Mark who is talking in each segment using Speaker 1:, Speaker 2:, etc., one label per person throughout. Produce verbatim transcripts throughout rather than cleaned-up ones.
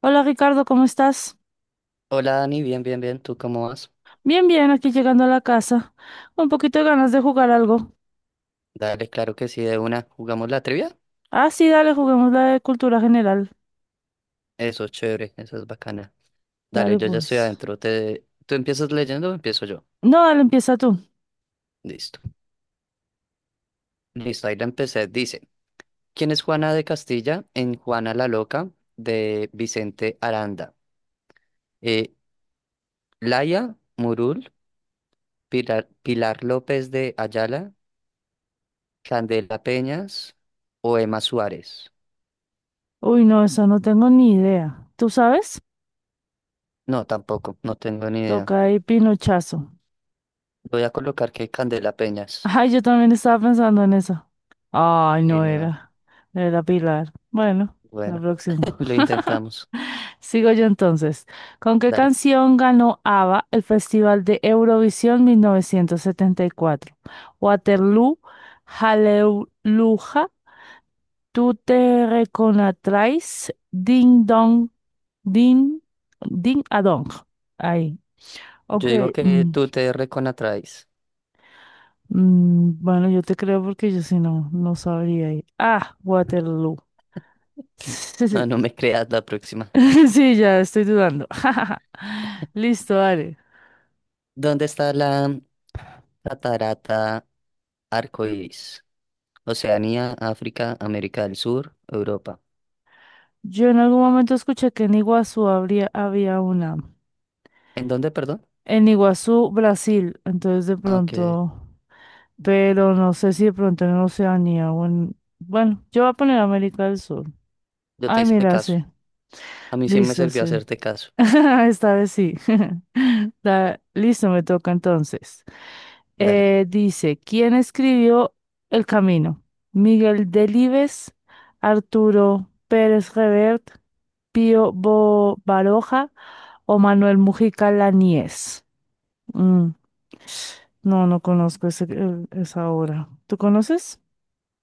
Speaker 1: Hola Ricardo, ¿cómo estás?
Speaker 2: Hola Dani, bien, bien, bien, ¿tú cómo vas?
Speaker 1: Bien, bien, aquí llegando a la casa. Un poquito de ganas de jugar algo.
Speaker 2: Dale, claro que sí, de una. ¿Jugamos la trivia?
Speaker 1: Ah, sí, dale, juguemos la de cultura general.
Speaker 2: Eso es chévere, eso es bacana. Dale,
Speaker 1: Dale,
Speaker 2: yo ya estoy
Speaker 1: pues.
Speaker 2: adentro. Te... ¿Tú empiezas leyendo o empiezo yo?
Speaker 1: No, dale, empieza tú.
Speaker 2: Listo. Listo, ahí la empecé. Dice, ¿quién es Juana de Castilla en Juana la Loca de Vicente Aranda? Eh, Laia Murul, Pilar, Pilar López de Ayala, Candela Peñas o Emma Suárez.
Speaker 1: Uy, no, eso no tengo ni idea. ¿Tú sabes?
Speaker 2: No, tampoco, no tengo ni idea.
Speaker 1: Toca ahí pinochazo.
Speaker 2: Voy a colocar que Candela Peñas.
Speaker 1: Ay, yo también estaba pensando en eso. Ay,
Speaker 2: Y
Speaker 1: no
Speaker 2: no,
Speaker 1: era. Era Pilar. Bueno, la
Speaker 2: bueno.
Speaker 1: próxima.
Speaker 2: Lo intentamos.
Speaker 1: Sigo yo entonces. ¿Con qué
Speaker 2: Dale.
Speaker 1: canción ganó ABBA el Festival de Eurovisión mil novecientos setenta y cuatro? Waterloo, Hallelujah, tú te reconocerás, Ding Dong, Ding, Ding a Dong. Ahí.
Speaker 2: Yo
Speaker 1: Ok.
Speaker 2: digo que
Speaker 1: mm,
Speaker 2: tú te reconatraes.
Speaker 1: mm, bueno, yo te creo porque yo si no, no sabría ahí. Ah, Waterloo.
Speaker 2: No,
Speaker 1: Sí,
Speaker 2: no me creas la próxima.
Speaker 1: sí, ya estoy dudando. Listo, dale.
Speaker 2: ¿Dónde está la catarata Arcoíris? Oceanía, África, América del Sur, Europa.
Speaker 1: Yo en algún momento escuché que en Iguazú habría, había una.
Speaker 2: ¿En dónde, perdón?
Speaker 1: En Iguazú, Brasil. Entonces de
Speaker 2: Aunque
Speaker 1: pronto, pero no sé si de pronto en Oceanía o en... Bueno, yo voy a poner América del Sur.
Speaker 2: yo te
Speaker 1: Ay,
Speaker 2: hice
Speaker 1: mira,
Speaker 2: caso.
Speaker 1: sí.
Speaker 2: A mí sí me
Speaker 1: Listo,
Speaker 2: sirvió
Speaker 1: sí.
Speaker 2: hacerte caso.
Speaker 1: Esta vez sí. Da- Listo, me toca entonces.
Speaker 2: Dale.
Speaker 1: Eh, dice, ¿quién escribió El Camino? Miguel Delibes, Arturo Pérez Revert, Pío Bo- Baroja o Manuel Mujica Laníez. Mm, No, no conozco ese, eh, esa obra. ¿Tú conoces?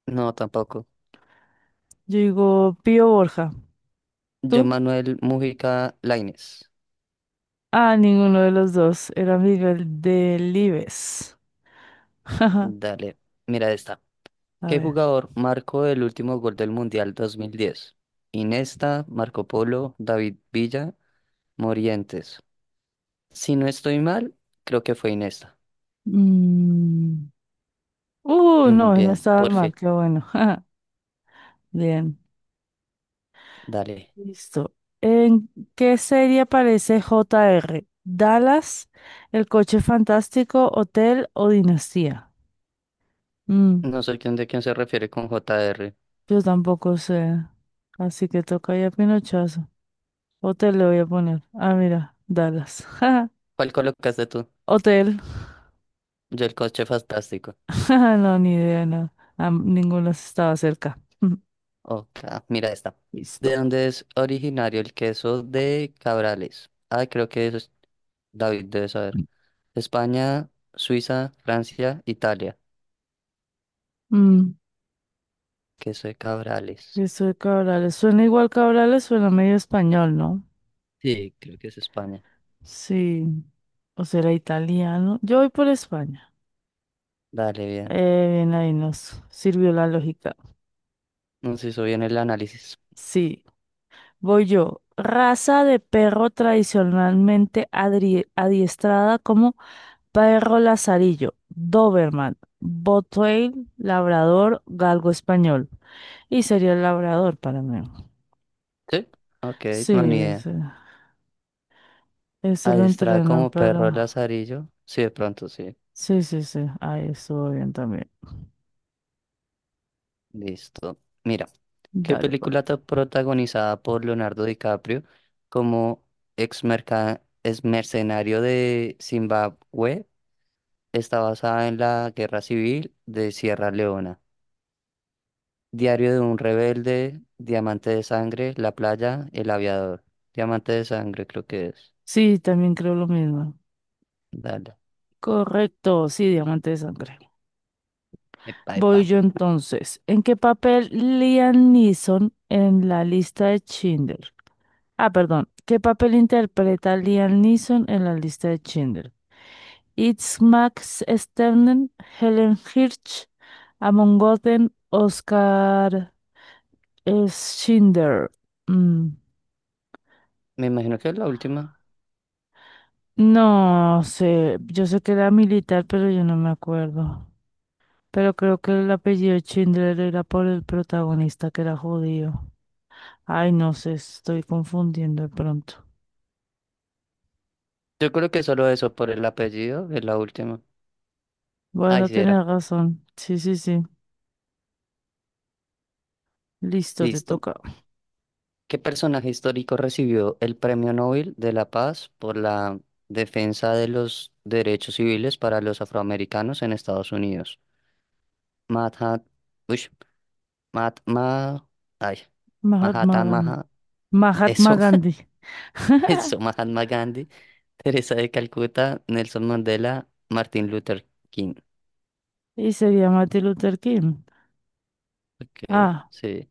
Speaker 2: No, tampoco.
Speaker 1: Yo digo Pío Borja.
Speaker 2: Yo,
Speaker 1: ¿Tú?
Speaker 2: Manuel Mujica Lainez.
Speaker 1: Ah, ninguno de los dos. Era Miguel Delibes.
Speaker 2: Dale. Mira esta.
Speaker 1: A
Speaker 2: ¿Qué
Speaker 1: ver.
Speaker 2: jugador marcó el último gol del Mundial dos mil diez? Iniesta, Marco Polo, David Villa Morientes. Si no estoy mal, creo que fue Inesta.
Speaker 1: Mm, Uh,
Speaker 2: Mm,
Speaker 1: no, no
Speaker 2: Bien,
Speaker 1: estabas
Speaker 2: por
Speaker 1: mal.
Speaker 2: fin.
Speaker 1: Qué bueno. Bien.
Speaker 2: Dale.
Speaker 1: Listo. ¿En qué serie aparece J R? ¿Dallas, El Coche Fantástico, Hotel o Dinastía? Mm,
Speaker 2: No soy quien de quién se refiere con j r.
Speaker 1: yo tampoco sé. Así que toca ya pinochazo. Hotel le voy a poner. Ah, mira, Dallas.
Speaker 2: ¿Cuál colocaste tú?
Speaker 1: Hotel.
Speaker 2: Yo el coche fantástico.
Speaker 1: No, ni idea, no. Ah, ninguno estaba cerca.
Speaker 2: Ok, ah, mira esta. ¿De
Speaker 1: Listo.
Speaker 2: dónde es originario el queso de Cabrales? Ah, creo que eso es David debe saber. España, Suiza, Francia, Italia.
Speaker 1: Mm,
Speaker 2: Queso de Cabrales.
Speaker 1: eso de Cabrales. Suena igual Cabrales, suena medio español, ¿no?
Speaker 2: Sí, creo que es España.
Speaker 1: Sí. O será italiano. Yo voy por España.
Speaker 2: Dale, bien.
Speaker 1: Eh, bien, ahí nos sirvió la lógica.
Speaker 2: Nos hizo bien el análisis.
Speaker 1: Sí, voy yo. Raza de perro tradicionalmente adri- adiestrada como Perro Lazarillo, Doberman, Bottweil, Labrador, Galgo Español. Y sería el Labrador para mí.
Speaker 2: ¿Sí? Ok,
Speaker 1: Sí,
Speaker 2: no, ni idea.
Speaker 1: ese, ese lo
Speaker 2: Adiestrada
Speaker 1: entrenan
Speaker 2: como perro
Speaker 1: para...
Speaker 2: lazarillo. Sí, de pronto, sí.
Speaker 1: Sí, sí, sí, ahí estuvo bien también.
Speaker 2: Listo. Mira, ¿qué
Speaker 1: Dale, pues.
Speaker 2: película está protagonizada por Leonardo DiCaprio como ex merca- ex mercenario de Zimbabue está basada en la Guerra Civil de Sierra Leona? Diario de un rebelde, Diamante de sangre, La playa, El aviador. Diamante de sangre creo que es.
Speaker 1: Sí, también creo lo mismo.
Speaker 2: Dale.
Speaker 1: Correcto, sí, diamante de sangre.
Speaker 2: Epa, epa.
Speaker 1: Voy yo entonces. ¿En qué papel Liam Neeson en la lista de Schindler? Ah, perdón. ¿Qué papel interpreta Liam Neeson en la lista de Schindler? It's Max Sternen, Helen Hirsch, Amon Goten, Oscar Schindler. Mm,
Speaker 2: Me imagino que es la última.
Speaker 1: No sé, yo sé que era militar, pero yo no me acuerdo. Pero creo que el apellido Schindler era por el protagonista que era judío. Ay, no sé, estoy confundiendo de pronto.
Speaker 2: Yo creo que solo eso por el apellido es la última. Ay,
Speaker 1: Bueno,
Speaker 2: sí era.
Speaker 1: tenés razón. Sí, sí, sí. Listo, te
Speaker 2: Listo.
Speaker 1: toca.
Speaker 2: ¿Qué personaje histórico recibió el Premio Nobel de la Paz por la defensa de los derechos civiles para los afroamericanos en Estados Unidos? Mahatma, ush, Mahatma, ay,
Speaker 1: Mahatma
Speaker 2: Mahatma,
Speaker 1: Gandhi.
Speaker 2: Maha-
Speaker 1: Mahatma
Speaker 2: eso,
Speaker 1: Gandhi.
Speaker 2: eso, Mahatma Gandhi, Teresa de Calcuta, Nelson Mandela, Martin Luther King.
Speaker 1: Y sería Martin Luther King.
Speaker 2: Ok,
Speaker 1: Ah.
Speaker 2: sí.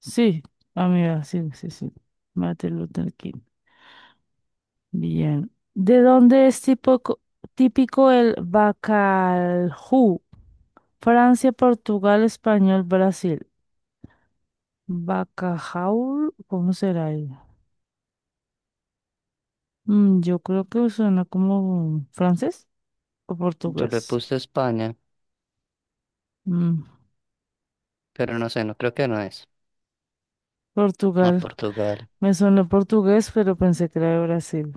Speaker 1: Sí, amiga, sí, sí, sí. Martin Luther King. Bien. ¿De dónde es típico, típico el bacalhau? Francia, Portugal, Español, Brasil. Bacalhau, ¿cómo será ello? Mm, yo creo que suena como francés o
Speaker 2: Yo le
Speaker 1: portugués.
Speaker 2: puse España,
Speaker 1: Mm,
Speaker 2: pero no sé, no creo que no es. A
Speaker 1: Portugal.
Speaker 2: Portugal.
Speaker 1: Me sonó portugués, pero pensé que era de Brasil.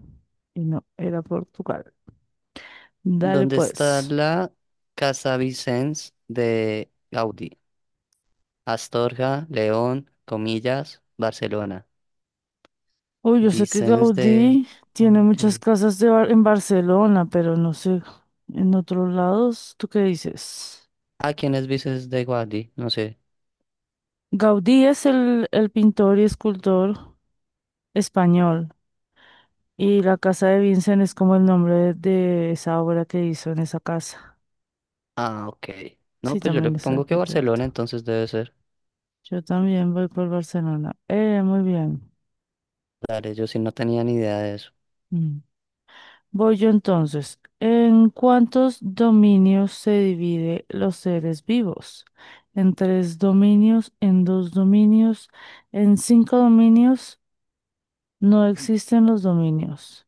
Speaker 1: Y no, era Portugal. Dale
Speaker 2: ¿Dónde está
Speaker 1: pues.
Speaker 2: la Casa Vicens de Gaudí? Astorga, León, comillas, Barcelona.
Speaker 1: Uy, yo sé que
Speaker 2: Vicens de
Speaker 1: Gaudí tiene muchas
Speaker 2: Gaudí.
Speaker 1: casas de Bar- en Barcelona, pero no sé, en otros lados, ¿tú qué dices?
Speaker 2: Ah, ¿quién es Vicens de Gaudí? No sé.
Speaker 1: Gaudí es el, el pintor y escultor español, y la casa de Vincent es como el nombre de, de esa obra que hizo en esa casa.
Speaker 2: Ah, ok. No,
Speaker 1: Sí,
Speaker 2: pues yo le
Speaker 1: también es
Speaker 2: pongo que Barcelona,
Speaker 1: arquitecto.
Speaker 2: entonces debe ser.
Speaker 1: Yo también voy por Barcelona. Eh, muy bien.
Speaker 2: Dale, yo sí no tenía ni idea de eso.
Speaker 1: Mm. Voy yo entonces. ¿En cuántos dominios se divide los seres vivos? ¿En tres dominios? ¿En dos dominios? ¿En cinco dominios? No existen los dominios.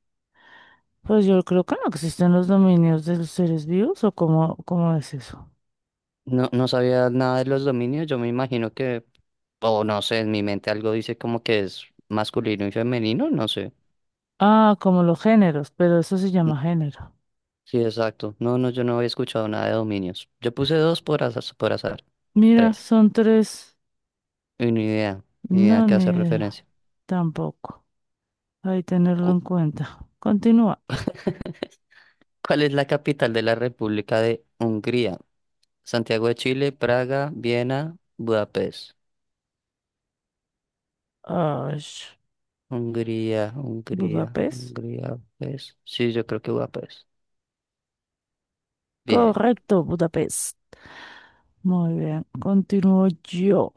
Speaker 1: Pues yo creo que no existen los dominios de los seres vivos, ¿o cómo, cómo es eso?
Speaker 2: No, no sabía nada de los dominios. Yo me imagino que, o no sé, en mi mente algo dice como que es masculino y femenino, no sé.
Speaker 1: Ah, como los géneros, pero eso se llama género.
Speaker 2: Sí, exacto. No, no, yo no había escuchado nada de dominios. Yo puse dos por azar, por azar.
Speaker 1: Mira,
Speaker 2: Tres.
Speaker 1: son tres.
Speaker 2: Y ni idea, ni idea a
Speaker 1: No,
Speaker 2: qué
Speaker 1: ni
Speaker 2: hace
Speaker 1: idea.
Speaker 2: referencia.
Speaker 1: Tampoco. Hay que tenerlo en
Speaker 2: Cu-
Speaker 1: cuenta. Continúa.
Speaker 2: ¿Cuál es la capital de la República de Hungría? Santiago de Chile, Praga, Viena, Budapest.
Speaker 1: Ay,
Speaker 2: Hungría, Hungría,
Speaker 1: Budapest.
Speaker 2: Hungría, Budapest. Sí, yo creo que Budapest. Bien,
Speaker 1: Correcto, Budapest. Muy bien, continúo yo.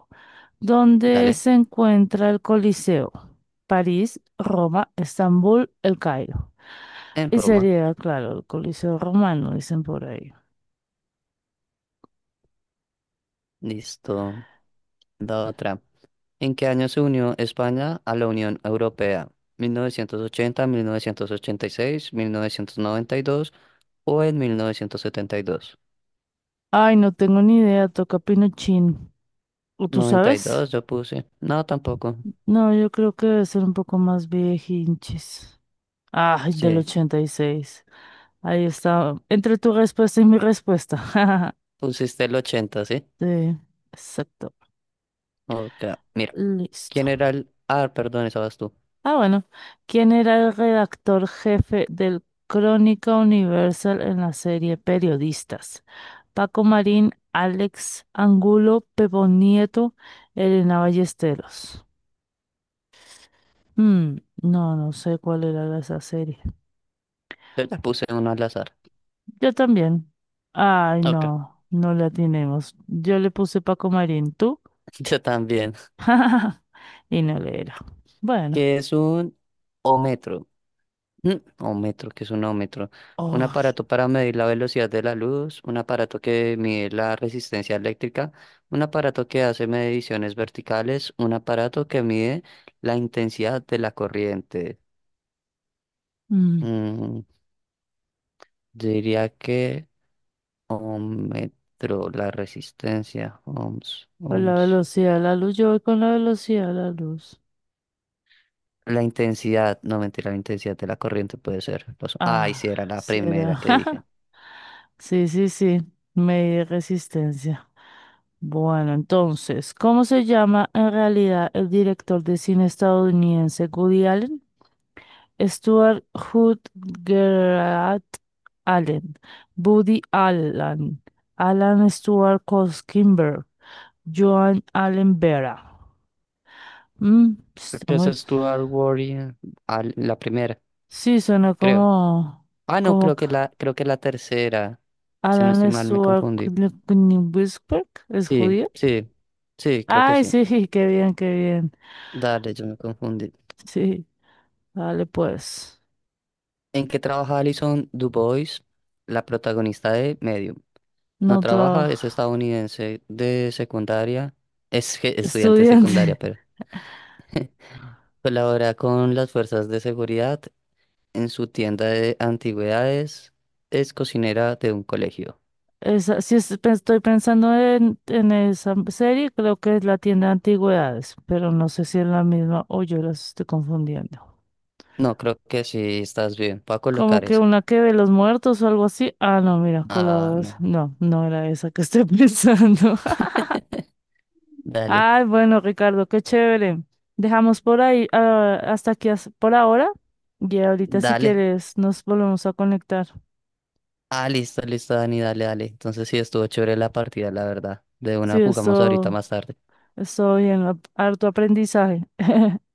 Speaker 1: ¿Dónde
Speaker 2: dale.
Speaker 1: se encuentra el Coliseo? París, Roma, Estambul, El Cairo.
Speaker 2: En
Speaker 1: Y
Speaker 2: Roma.
Speaker 1: sería, claro, el Coliseo romano, dicen por ahí.
Speaker 2: Listo. La otra. ¿En qué año se unió España a la Unión Europea? ¿mil novecientos ochenta, mil novecientos ochenta y seis, mil novecientos noventa y dos o en mil novecientos setenta y dos?
Speaker 1: Ay, no tengo ni idea, toca Pinochín. ¿O tú sabes?
Speaker 2: noventa y dos yo puse. No, tampoco.
Speaker 1: No, yo creo que debe ser un poco más hinches. Ay, del
Speaker 2: Sí,
Speaker 1: ochenta y seis. Ahí está. Entre tu respuesta y mi respuesta.
Speaker 2: pusiste el ochenta, ¿sí?
Speaker 1: Sí, exacto.
Speaker 2: Ok, mira. ¿Quién
Speaker 1: Listo.
Speaker 2: era el...? Ah, perdón, esa vas tú.
Speaker 1: Ah, bueno. ¿Quién era el redactor jefe del Crónica Universal en la serie Periodistas? Paco Marín, Alex Angulo, Pepo Nieto, Elena Ballesteros. Mm, no, no sé cuál era esa serie.
Speaker 2: Yo ya puse uno al azar.
Speaker 1: Yo también. Ay,
Speaker 2: Ok,
Speaker 1: no, no la tenemos. Yo le puse Paco Marín, ¿tú?
Speaker 2: yo también.
Speaker 1: Y no le era. Bueno.
Speaker 2: ¿Qué es un ómetro? Mm, Ohmetro, ¿que es un ohmetro? Un
Speaker 1: Oh,
Speaker 2: aparato para medir la velocidad de la luz, un aparato que mide la resistencia eléctrica, un aparato que hace mediciones verticales, un aparato que mide la intensidad de la corriente.
Speaker 1: mm,
Speaker 2: Mm, diría que ohmetro, la resistencia, ohms,
Speaker 1: Con la
Speaker 2: ohms.
Speaker 1: velocidad de la luz, yo voy con la velocidad de la luz.
Speaker 2: La intensidad, no mentira, la intensidad de la corriente puede ser. Los, ay,
Speaker 1: Ah,
Speaker 2: sí, era la
Speaker 1: sí era.
Speaker 2: primera que dije.
Speaker 1: Sí, sí, sí. Medí resistencia. Bueno, entonces, ¿cómo se llama en realidad el director de cine estadounidense Woody Allen? Stuart Hood, Gerard Allen, Buddy Allen, Alan Stuart Kimber, Joan Allen Vera. Mm,
Speaker 2: Creo
Speaker 1: está
Speaker 2: que esa
Speaker 1: muy-
Speaker 2: es Stuart Warrior, al- la primera,
Speaker 1: Sí, suena
Speaker 2: creo.
Speaker 1: como,
Speaker 2: Ah, no,
Speaker 1: como
Speaker 2: creo
Speaker 1: que
Speaker 2: que la, creo que la tercera. Si no estoy
Speaker 1: Alan
Speaker 2: mal, me
Speaker 1: Stuart
Speaker 2: confundí.
Speaker 1: Whisker, ¿es
Speaker 2: Sí,
Speaker 1: judío?
Speaker 2: sí, sí, creo que
Speaker 1: Ay,
Speaker 2: sí.
Speaker 1: sí, qué bien, qué bien.
Speaker 2: Dale, yo me confundí.
Speaker 1: Sí, vale, pues,
Speaker 2: ¿En qué trabaja Alison DuBois, la protagonista de Medium? No
Speaker 1: no
Speaker 2: trabaja,
Speaker 1: trabajo.
Speaker 2: es estadounidense de secundaria, es que- estudiante de secundaria,
Speaker 1: Estudiante.
Speaker 2: pero colabora con las fuerzas de seguridad en su tienda de antigüedades, es cocinera de un colegio.
Speaker 1: Esa, sí es- pe- estoy pensando en, en esa serie, creo que es la tienda de antigüedades, pero no sé si es la misma o yo las estoy confundiendo.
Speaker 2: No, creo que sí, estás bien. Voy a
Speaker 1: Como
Speaker 2: colocar
Speaker 1: que
Speaker 2: esa.
Speaker 1: una que ve los muertos o algo así. Ah, no, mira,
Speaker 2: Ah,
Speaker 1: colabores.
Speaker 2: no.
Speaker 1: No, no era esa que estoy pensando.
Speaker 2: Dale.
Speaker 1: Ay, bueno, Ricardo, qué chévere. Dejamos por ahí, ah, hasta aquí as- por ahora. Y ahorita si
Speaker 2: Dale.
Speaker 1: quieres nos volvemos a conectar.
Speaker 2: Ah, listo, listo, Dani, dale, dale. Entonces sí, estuvo chévere la partida, la verdad. De
Speaker 1: Sí,
Speaker 2: una jugamos ahorita
Speaker 1: esto,
Speaker 2: más tarde.
Speaker 1: estoy en harto aprendizaje.